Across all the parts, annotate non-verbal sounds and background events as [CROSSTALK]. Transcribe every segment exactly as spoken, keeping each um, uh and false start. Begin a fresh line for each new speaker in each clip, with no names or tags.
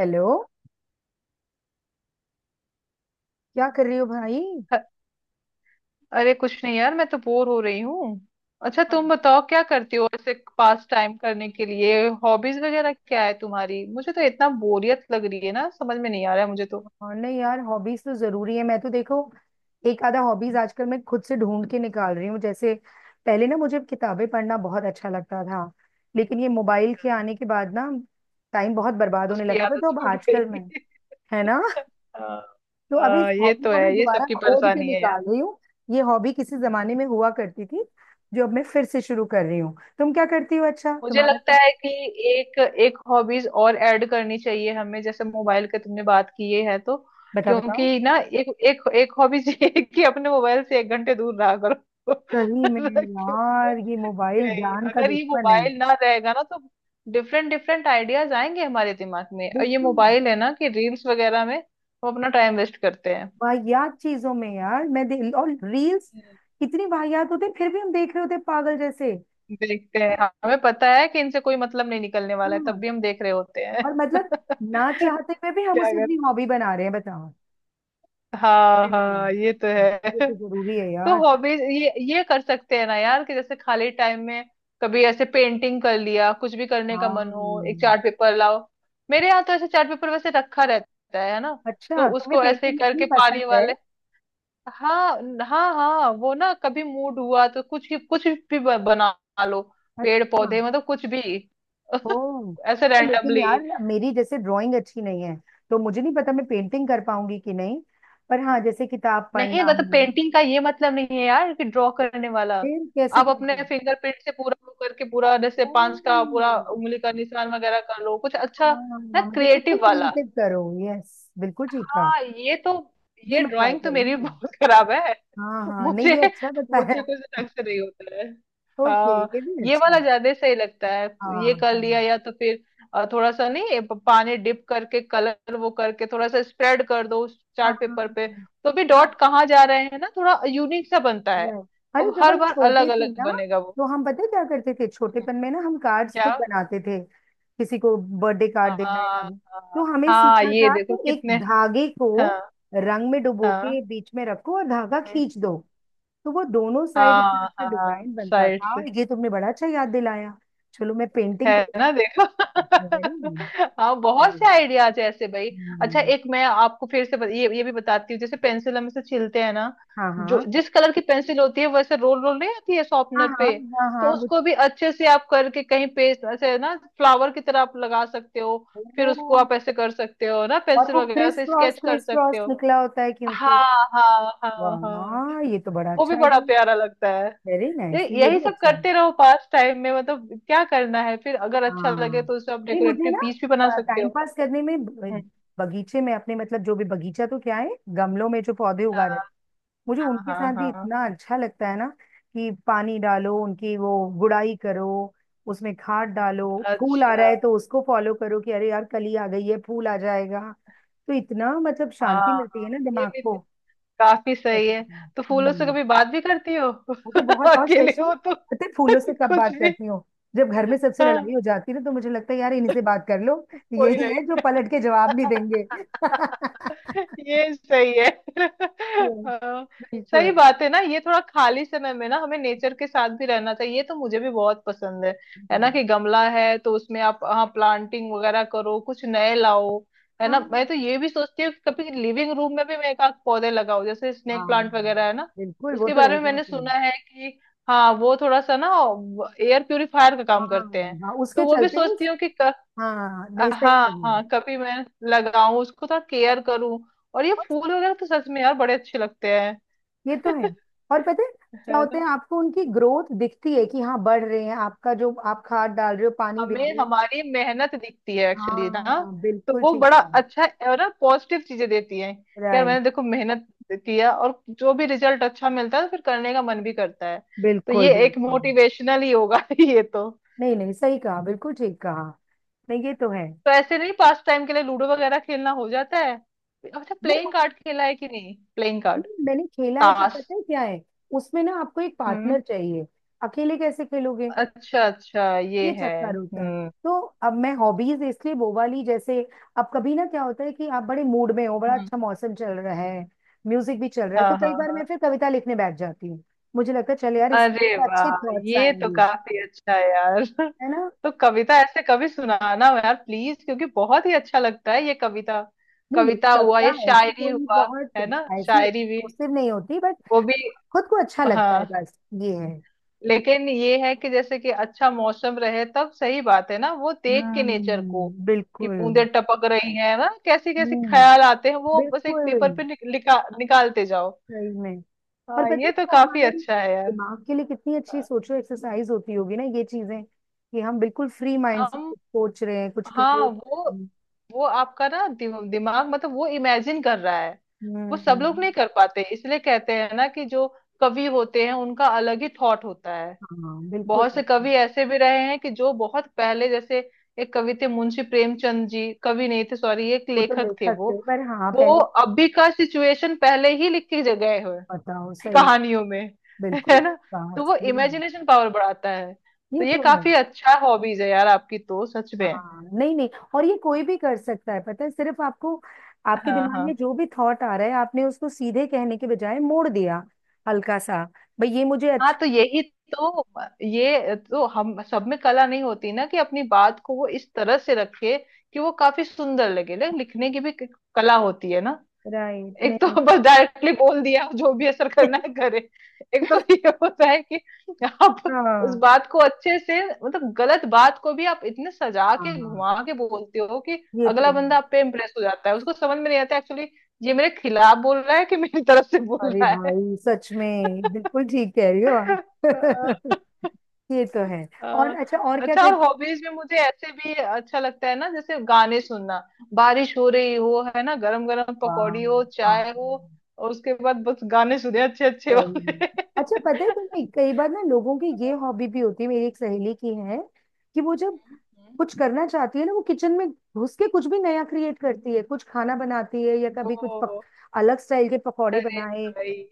Hello. क्या कर रही हो भाई।
अ- अरे कुछ नहीं यार, मैं तो बोर हो रही हूँ। अच्छा तुम बताओ, क्या करती हो ऐसे पास टाइम करने के लिए? हॉबीज वगैरह क्या है तुम्हारी? मुझे तो इतना बोरियत लग रही है ना, समझ में नहीं आ रहा है मुझे तो।
और नहीं यार, हॉबीज तो जरूरी है। मैं तो देखो, एक आधा हॉबीज आजकल मैं खुद से ढूंढ के निकाल रही हूँ। जैसे पहले ना, मुझे किताबें पढ़ना बहुत अच्छा लगता था, लेकिन ये मोबाइल के आने के बाद ना, टाइम बहुत बर्बाद होने
उसकी
लगा था।
आदत
तो अब
छूट
आजकल मैं,
गई [LAUGHS]
है ना।
हाँ
[LAUGHS] तो अभी इस
हाँ, ये
हॉबी
तो
को मैं
है, ये
दोबारा
सबकी
खोद के
परेशानी है।
निकाल रही हूँ। ये हॉबी किसी जमाने में हुआ करती थी, जो अब मैं फिर से शुरू कर रही हूँ। तुम क्या करती हो? अच्छा
मुझे
तुम्हारा
लगता
क्या?
है कि एक एक हॉबीज और ऐड करनी चाहिए हमें, जैसे मोबाइल के तुमने बात की ये है तो
बताओ बताओ।
क्योंकि ना एक एक एक हॉबीज [LAUGHS] ये है कि अपने मोबाइल से एक घंटे दूर रहा करो
सही में
[LAUGHS]
यार, ये मोबाइल
क्योंकि
जान का
अगर ये
दुश्मन है।
मोबाइल ना रहेगा ना तो डिफरेंट डिफरेंट आइडियाज आएंगे हमारे दिमाग में, और ये
बिल्कुल।
मोबाइल है ना कि रील्स वगैरह में हम अपना टाइम वेस्ट करते हैं।
वाहियात चीजों में यार मैं दे, और रील्स
हम्म।
कितनी वाहियात होते हैं, फिर भी हम देख रहे होते हैं, पागल जैसे।
देखते हैं, हमें पता है कि इनसे कोई मतलब नहीं निकलने वाला है, तब
हाँ,
भी हम देख रहे होते हैं
और
[LAUGHS]
मतलब ना
क्या,
चाहते हुए भी हम उसे अपनी हॉबी बना रहे हैं, बताओ।
हाँ हाँ
हम्म,
ये तो
ये
है
तो जरूरी है
[LAUGHS] तो
यार।
हॉबीज ये ये कर सकते हैं ना यार, कि जैसे खाली टाइम में कभी ऐसे पेंटिंग कर लिया, कुछ भी करने का मन हो, एक
हाँ।
चार्ट पेपर लाओ। मेरे यहाँ तो ऐसे चार्ट पेपर वैसे रखा रहता है है ना। तो
अच्छा तुम्हें
उसको ऐसे
पेंटिंग इतनी
करके
पसंद
पानी
है?
वाले। हाँ हाँ हाँ, वो ना कभी मूड हुआ तो कुछ भी- कुछ भी ब- बना लो, पेड़
अच्छा।
पौधे मतलब कुछ भी
ओह
[LAUGHS] ऐसे
अच्छा, लेकिन
रैंडमली।
यार मेरी जैसे ड्राइंग अच्छी नहीं है, तो मुझे नहीं पता मैं पेंटिंग कर पाऊंगी कि नहीं। पर हाँ, जैसे किताब
नहीं,
पढ़ना
मतलब
है।
पेंटिंग का ये मतलब नहीं है यार कि ड्रॉ करने वाला,
फिर कैसी
आप अपने
पेंटिंग?
फिंगरप्रिंट से पूरा वो करके पूरा जैसे
ओह।
पांच का पूरा उंगली का निशान वगैरह कर लो कुछ अच्छा
हाँ हाँ,
ना,
हाँ, मतलब खुद को
क्रिएटिव वाला।
क्रिएटिव करो। यस, बिल्कुल ठीक था।
हाँ ये तो,
ये
ये
मैं ट्राई
ड्राइंग तो मेरी भी
करूंगी।
बहुत [LAUGHS] खराब है
हाँ
[LAUGHS]
हाँ, नहीं
मुझे
ये अच्छा बताया।
मुझे कुछ ढंग से नहीं होता है।
ओके,
हाँ,
ये भी
ये
अच्छा
वाला
है।
ज्यादा सही लगता है। ये
हाँ।
कर
हाँ
लिया या तो फिर अ, थोड़ा सा, नहीं ये प- पानी डिप करके कलर वो करके थोड़ा सा स्प्रेड कर दो उस
हाँ
चार्ट
हाँ,
पेपर पे, तो भी
हाँ,
डॉट कहाँ जा रहे हैं ना, थोड़ा यूनिक सा बनता है।
Right. अरे
अब
जब
हर
हम
बार अलग
छोटे थे
अलग
ना,
बनेगा वो।
तो हम, पता है क्या करते थे
हम्म,
छोटेपन में ना, हम कार्ड्स
क्या,
खुद बनाते थे। किसी को बर्थडे कार्ड देना है या
हाँ
वो, तो
हाँ
हमें
हाँ
सीखा
ये
था
देखो
कि एक
कितने।
धागे को
हाँ
रंग में डुबो के
हाँ,
बीच में रखो और धागा
हम्म,
खींच दो। तो वो दोनों साइड इतना
हाँ
अच्छा
हाँ
डिजाइन बनता
साइड
था।
से।
ये तुमने बड़ा अच्छा याद दिलाया। चलो मैं पेंटिंग को,
है ना देखो
वेरी
[LAUGHS] हाँ बहुत
नाइस।
से आइडियाज है ऐसे भाई। अच्छा
हम्म,
एक मैं आपको फिर से बत, ये ये भी बताती हूँ, जैसे पेंसिल हम इसे छीलते हैं ना,
हाँ
जो
हाँ
जिस कलर की पेंसिल होती है वैसे रोल रोल नहीं आती है
हाँ
शॉर्पनर
हाँ।
पे,
हाँ हाँ
तो
वो,
उसको भी अच्छे से आप करके कहीं पेस्ट ऐसे ना फ्लावर की तरह आप लगा सकते हो। फिर
ओ,
उसको आप ऐसे कर सकते हो ना,
और
पेंसिल
वो
वगैरह
क्रिस
से
क्रॉस
स्केच कर
क्रिस
सकते
क्रॉस
हो।
निकला होता है क्योंकि,
हाँ हाँ हाँ हाँ,
वाह ये तो बड़ा
वो
अच्छा
भी बड़ा
आइडिया है।
प्यारा लगता।
वेरी
ये
नाइस, ये
यही
भी
सब
अच्छा है।
करते रहो पास टाइम में, मतलब क्या करना है, फिर अगर अच्छा
हाँ।
लगे तो उसे आप
नहीं मुझे
डेकोरेटिव
ना
पीस भी बना सकते
टाइम
हो।
पास करने में ब-
हम्म,
बगीचे में अपने, मतलब जो भी बगीचा तो क्या है, गमलों में जो पौधे उगा रहे हैं,
हाँ
मुझे उनके
हाँ
साथ भी
हाँ।
इतना अच्छा लगता है ना। कि पानी डालो, उनकी वो गुड़ाई करो, उसमें खाद डालो, फूल आ
अच्छा,
रहा है तो उसको फॉलो करो कि अरे यार कली आ गई है, फूल आ जाएगा। तो इतना मतलब
हाँ
शांति मिलती
हाँ
है ना
ये
दिमाग
भी
को,
तो काफी
सच
सही है।
में।
तो फूलों से
हम्म
कभी बात भी करती हो
मुझे बहुत,
[LAUGHS]
और
अकेले
स्पेशली
हो तो
पता है
[LAUGHS]
फूलों से कब
कुछ
बात
भी।
करती हूँ? जब घर में सबसे
हाँ,
लड़ाई हो जाती है ना, तो मुझे लगता है यार इन्हीं से बात कर लो।
कोई
यही है जो
नहीं
पलट के जवाब नहीं देंगे। [LAUGHS]
[LAUGHS] ये सही है [LAUGHS]
Yes,
हाँ, सही
बिल्कुल।
बात है ना। ये थोड़ा खाली समय में ना हमें नेचर के साथ भी रहना चाहिए, ये तो मुझे भी बहुत पसंद है। है ना
हम्म,
कि गमला है तो उसमें आप, हाँ प्लांटिंग वगैरह करो, कुछ नए लाओ। है
हाँ
ना, मैं तो ये भी सोचती हूँ कि कभी लिविंग रूम में भी मैं एक आध पौधे लगाऊं, जैसे स्नेक
हाँ,
प्लांट वगैरह, है ना।
बिल्कुल। वो
उसके
तो
बारे
रह
में मैंने
जाते हैं।
सुना है कि, हाँ वो थोड़ा सा ना एयर प्यूरिफायर का
हाँ,
काम करते हैं।
हाँ उसके
तो वो भी
चलते।
सोचती हूँ कि
हाँ, नहीं सही
हाँ
कहा।
हाँ कभी मैं लगाऊं उसको, थोड़ा केयर करूं। और ये फूल वगैरह तो सच में यार बड़े अच्छे लगते हैं
ये तो है।
[LAUGHS]
और पता है क्या
है
होता
ना,
है, आपको उनकी ग्रोथ दिखती है कि हाँ बढ़ रहे हैं, आपका जो आप खाद डाल रहे हो, पानी दे
हमें
रहे हो।
हमारी मेहनत दिखती है एक्चुअली ना।
हाँ
तो
बिल्कुल
वो
ठीक
बड़ा
है।
अच्छा है, और ना पॉजिटिव चीजें देती हैं कि यार
राइट।
मैंने देखो मेहनत किया, और जो भी रिजल्ट अच्छा मिलता है तो फिर करने का मन भी करता है। तो
बिल्कुल
ये एक
बिल्कुल।
मोटिवेशनल ही होगा [LAUGHS] ये तो।
नहीं नहीं सही कहा, बिल्कुल ठीक कहा। नहीं ये तो है।
तो ऐसे नहीं, पास टाइम के लिए लूडो वगैरह खेलना हो जाता है। अच्छा,
वो,
प्लेइंग कार्ड खेला है कि नहीं, प्लेइंग कार्ड,
मैंने खेला है, पर
ताश।
पता है क्या है, उसमें ना आपको एक
हम्म।
पार्टनर चाहिए। अकेले कैसे खेलोगे?
अच्छा अच्छा, ये
ये
है,
चक्कर होता है।
हम्म,
तो अब मैं हॉबीज इसलिए वो वाली जैसे, अब कभी ना क्या होता है कि आप बड़े मूड में हो, बड़ा
हम्म,
अच्छा मौसम चल रहा है, म्यूजिक भी चल रहा है, तो
हाँ हाँ
कई बार
हाँ।
मैं फिर कविता लिखने बैठ जाती हूँ। मुझे लगता है चल यार इसमें
अरे
पर अच्छे
वाह,
थॉट्स
ये तो
आएंगे।
काफी अच्छा है यार [LAUGHS]
है ना।
तो कविता ऐसे कभी सुनाना यार प्लीज, क्योंकि बहुत ही अच्छा लगता है ये कविता।
नहीं, मेरी
कविता हुआ,
कविता
ये
ऐसी
शायरी
कोई
हुआ,
बहुत
है ना,
ऐसी
शायरी भी,
एक्सप्लोसिव नहीं होती, बट
वो भी।
खुद को अच्छा लगता है
हाँ,
बस ये है।
लेकिन ये है कि जैसे कि अच्छा मौसम रहे तब सही बात है ना, वो देख के नेचर को,
हम्म
कि
बिल्कुल।
बूंदे टपक रही हैं ना, कैसे कैसे
हम्म
ख्याल आते हैं, वो बस एक
बिल्कुल।
पेपर पे निक- लिखा निकालते जाओ।
सही में। और
हाँ
पता है
ये तो
वो
काफी
हमारे
अच्छा है यार।
दिमाग के लिए कितनी अच्छी
हाँ।
सोचो एक्सरसाइज होती होगी ना ये चीजें, कि हम बिल्कुल फ्री माइंड से
हम,
कुछ सोच रहे हैं, कुछ
हाँ
क्रिएट कर
वो
रहे हैं।
वो आपका ना दिम- दिमाग मतलब वो इमेजिन कर रहा है। वो सब लोग नहीं
हम्म
कर पाते, इसलिए कहते हैं ना कि जो कवि होते हैं उनका अलग ही थॉट होता है।
हाँ बिल्कुल
बहुत से
बिल्कुल।
कवि ऐसे भी रहे हैं कि जो बहुत पहले, जैसे एक कवि थे मुंशी प्रेमचंद जी, कवि नहीं थे सॉरी, एक
वो तो
लेखक थे
लेखक
वो
थे, पर हाँ
वो
पहले,
अभी का सिचुएशन पहले ही लिख के गए हुए
बताओ सही।
कहानियों में, है
बिल्कुल।
ना।
हाँ
तो वो
सही में।
इमेजिनेशन पावर बढ़ाता है, तो
ये
ये
तो है।
काफी अच्छा हॉबीज है यार आपकी तो सच में।
हाँ नहीं नहीं। और ये कोई भी कर सकता है, पता है, सिर्फ आपको, आपके
हाँ
दिमाग में
हाँ
जो भी थॉट आ रहा है, आपने उसको सीधे कहने के बजाय मोड़ दिया हल्का सा। भाई ये मुझे
हाँ,
अच्छा,
तो यही तो, ये तो हम सब में कला नहीं होती ना कि अपनी बात को वो इस तरह से रखे कि वो काफी सुंदर लगे, ले- लिखने की भी क- कला होती है ना।
राइट।
एक तो
नहीं।
[LAUGHS] बस डायरेक्टली बोल दिया, जो भी असर करना
[LAUGHS]
है करे। एक तो [LAUGHS] ये होता है कि आप उस
हाँ
बात को अच्छे से, मतलब गलत बात को भी आप इतने सजा के
हाँ,
घुमा के बोलते हो कि
ये तो
अगला
है।
बंदा आप पे इम्प्रेस हो जाता है, उसको समझ में नहीं आता एक्चुअली ये मेरे खिलाफ बोल रहा है कि मेरी तरफ से बोल
अरे
रहा है
भाई सच में बिल्कुल ठीक कह रही हो
[LAUGHS]
आप। [LAUGHS] ये तो है।
अ,
और अच्छा और क्या
अच्छा और
करते हो?
हॉबीज में मुझे ऐसे भी अच्छा लगता है ना, जैसे गाने सुनना, बारिश हो रही हो, है ना, गरम गरम
वाह,
पकौड़ी हो,
हाँ,
चाय हो, और उसके बाद बस गाने सुने अच्छे अच्छे
सही में।
वाले।
अच्छा पता है तुम्हें, कई बार ना लोगों की ये हॉबी भी होती है, मेरी एक सहेली की है, कि वो जब
हम्म,
कुछ करना चाहती है ना, वो किचन में घुस के कुछ भी नया क्रिएट करती है, कुछ खाना बनाती है या कभी कुछ पक,
ओ
अलग स्टाइल के पकौड़े बनाए।
भाई,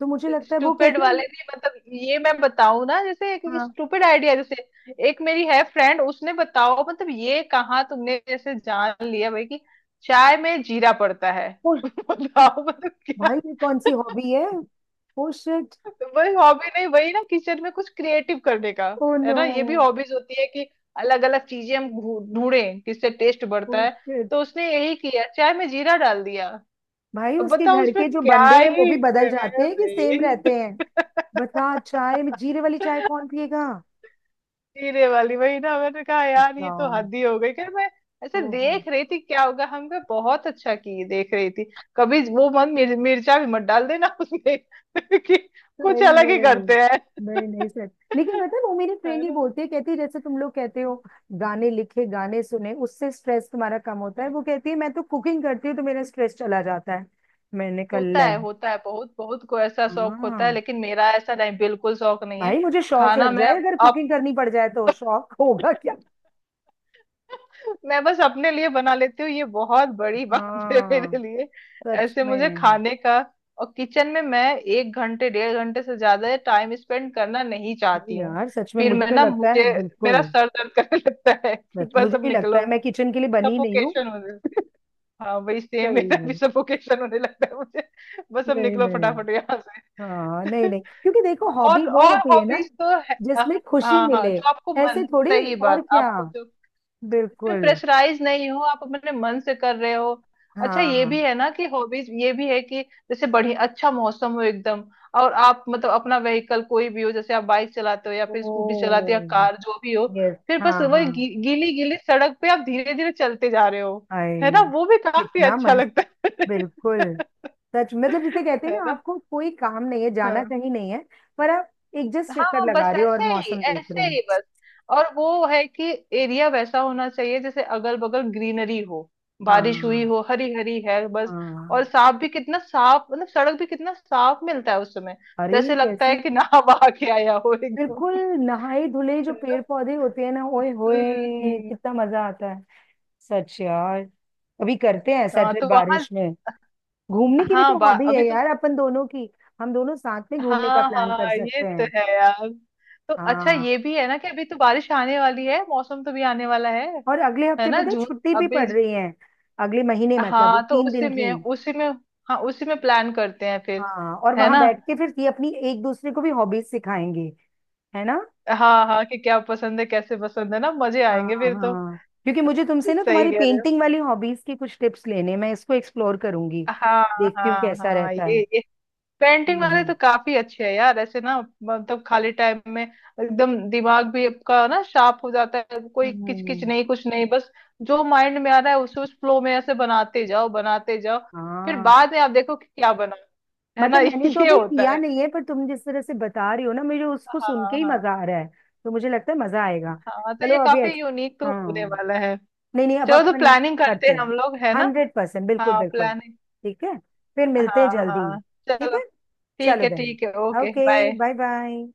तो मुझे लगता है वो
स्टूपिड
कहती है,
वाले नहीं, मतलब ये मैं बताऊं ना, जैसे एक
हाँ।
स्टूपिड आइडिया, जैसे एक मेरी है फ्रेंड, उसने बताओ मतलब ये कहाँ तुमने जैसे जान लिया भाई कि चाय में जीरा पड़ता है
ओ
[LAUGHS] बताओ मतलब क्या।
भाई, ये कौन सी हॉबी है? Oh shit.
तो वही हॉबी, नहीं वही ना, किचन में कुछ क्रिएटिव करने का,
ओ
है
नो।
ना, ये भी हॉबीज होती है कि अलग अलग चीजें हम ढू- ढूंढें किससे टेस्ट
ओ
बढ़ता है।
शिट।
तो उसने यही किया, चाय में जीरा डाल दिया।
भाई
अब
उसके
बताओ,
घर
उसमें
के जो
क्या
बंदे हैं वो
ही
भी बदल
है
जाते हैं कि सेम
भाई।
रहते हैं? बता, चाय में जीरे वाली चाय कौन पिएगा?
जीरे वाली, वही ना, मैंने कहा यार ये
बताओ।
तो हद ही हो गई, फिर मैं ऐसे
ओहो।
देख रही थी क्या होगा, हम कहा बहुत अच्छा की देख रही थी। कभी वो मन मिर, मिर्चा भी मत डाल देना उसमें [LAUGHS] कि कुछ
सही
अलग
में।
ही करते हैं
नहीं नहीं
[LAUGHS]
सर। लेकिन पता है वो मेरी
है
फ्रेंड ही
ना,
बोलती है, कहती है जैसे तुम लोग कहते हो गाने लिखे, गाने सुने, उससे स्ट्रेस तुम्हारा कम होता है,
हम्म।
वो कहती है मैं तो कुकिंग करती हूँ तो मेरा स्ट्रेस चला जाता है। मैंने कहा
होता
ले।
है होता है, बहुत बहुत को ऐसा शौक होता है,
हाँ,
लेकिन मेरा ऐसा नहीं, बिल्कुल शौक नहीं है
भाई मुझे शौक
खाना।
लग
मैं,
जाए, अगर
अब
कुकिंग करनी पड़ जाए तो शौक होगा क्या।
[LAUGHS] मैं बस अपने लिए बना लेती हूँ ये बहुत बड़ी बात है
हाँ
मेरे लिए।
सच
ऐसे मुझे
में।
खाने का, और किचन में मैं एक घंटे डेढ़ घंटे से ज्यादा टाइम स्पेंड करना नहीं
नहीं
चाहती हूँ।
यार सच में,
फिर
मुझे
मैं
तो
ना,
लगता है
मुझे मेरा
बिल्कुल,
सर दर्द करने लगता है कि
सच,
बस
मुझे
अब
भी लगता
निकलो,
है मैं किचन के लिए बनी नहीं हूँ।
सफोकेशन होने लगती है। हाँ वही सेम,
सही
मेरा
में।
भी सफोकेशन होने लगता है मुझे, बस अब
नहीं
निकलो
नहीं।
फटाफट यहाँ
हाँ नहीं
से
नहीं, क्योंकि देखो
[LAUGHS]
हॉबी
और
वो
और
होती है ना
हॉबीज तो है। हाँ
जिसमें खुशी
हाँ हाँ,
मिले,
जो आपको
ऐसे
मन,
थोड़ी।
सही
और
बात,
क्या,
आपको जो, इसमें
बिल्कुल।
प्रेशराइज नहीं हो, आप अपने मन से कर रहे हो। अच्छा ये
हाँ।
भी है ना कि हॉबीज ये भी है कि जैसे बढ़िया अच्छा मौसम हो एकदम, और आप मतलब अपना व्हीकल कोई भी हो, जैसे आप बाइक चलाते हो या
ओ,
फिर स्कूटी चलाते हो या कार जो भी हो,
यस
फिर
हाँ
बस वही
हाँ।
गी, गीली गीली सड़क पे आप धीरे धीरे चलते जा रहे हो,
आए,
है ना वो भी काफी
कितना
अच्छा
मस्त,
लगता
बिल्कुल।
है [LAUGHS]
सच, मतलब जिसे कहते हैं
है
ना
ना,
आपको कोई काम नहीं है, जाना
हाँ।
कहीं नहीं है, पर आप एक जस्ट चक्कर
हाँ
लगा
बस
रहे हो और
ऐसे ही
मौसम देख रहे
ऐसे
हो।
ही बस, और वो है कि एरिया वैसा होना चाहिए, जैसे अगल बगल ग्रीनरी हो, बारिश हुई
हाँ
हो, हरी हरी है बस, और
हाँ।
साफ भी, कितना साफ मतलब, सड़क भी कितना साफ मिलता है उस समय,
अरे
जैसे लगता है
कैसी,
कि [LAUGHS] नहा बहा के आया हो
बिल्कुल।
एकदम।
नहाए धुले जो
है ना,
पेड़ पौधे होते हैं ना, ओए
हम्म
होए
हम्म,
कितना
हम्म।
मजा आता है। सच यार, कभी करते हैं ऐसा
हाँ
ट्रिप
तो वहां,
बारिश में, घूमने की भी
हाँ
तो
बा
हॉबी
अभी
है
तो,
यार अपन दोनों की। हम दोनों साथ में घूमने का
हाँ
प्लान कर
हाँ ये
सकते
तो
हैं।
है यार। तो अच्छा
हाँ,
ये भी है ना कि अभी तो बारिश आने वाली है, मौसम तो भी आने वाला है
और अगले
है
हफ्ते
ना,
पे तो
जून
छुट्टी भी
अभी,
पड़ रही है, अगले महीने, मतलब
हाँ तो
तीन दिन
उसी में
की।
उसी में, हाँ उसी में प्लान करते हैं फिर,
हाँ, और
है
वहां
ना।
बैठ के फिर ये अपनी एक दूसरे को भी हॉबीज सिखाएंगे, है ना।
हाँ हाँ, कि क्या पसंद है कैसे पसंद है ना, मजे
हाँ
आएंगे फिर तो।
हाँ। क्योंकि मुझे तुमसे ना
सही
तुम्हारी
कह रहे हो,
पेंटिंग वाली हॉबीज की कुछ टिप्स लेने हैं। मैं इसको एक्सप्लोर करूंगी,
हाँ
देखती हूँ
हाँ
कैसा
हाँ,
रहता
ये
है।
ये पेंटिंग
हम्म
वाले
हम्म
तो काफी अच्छे हैं यार ऐसे ना। मतलब खाली टाइम में एकदम दिमाग भी आपका ना शार्प हो जाता है, कोई किचकिच
हम्म,
नहीं, कुछ नहीं, बस जो माइंड में आ रहा है उसे उस फ्लो में ऐसे बनाते जाओ बनाते जाओ, फिर
हाँ,
बाद में आप देखो कि क्या बना, है ना [LAUGHS]
मतलब मैंने तो
ये
अभी
होता
किया
है।
नहीं है, पर तुम जिस तरह से बता रही हो ना, मुझे उसको सुन के
हाँ
ही
हाँ
मजा आ रहा है। तो मुझे लगता है मजा आएगा।
हाँ, तो
चलो
ये
अभी
काफी
ऐस-
यूनिक तो
हाँ
होने वाला है।
नहीं नहीं, अब
चलो तो
अपन
प्लानिंग करते
करते
हैं हम
हैं।
लोग, है ना।
हंड्रेड परसेंट, बिल्कुल
हाँ
बिल्कुल।
प्लानिंग,
ठीक है, फिर मिलते हैं
हाँ
जल्दी।
हाँ
ठीक
चलो,
है।
ठीक
चलो
है
देन,
ठीक है, okay
okay,
bye.
Bye bye.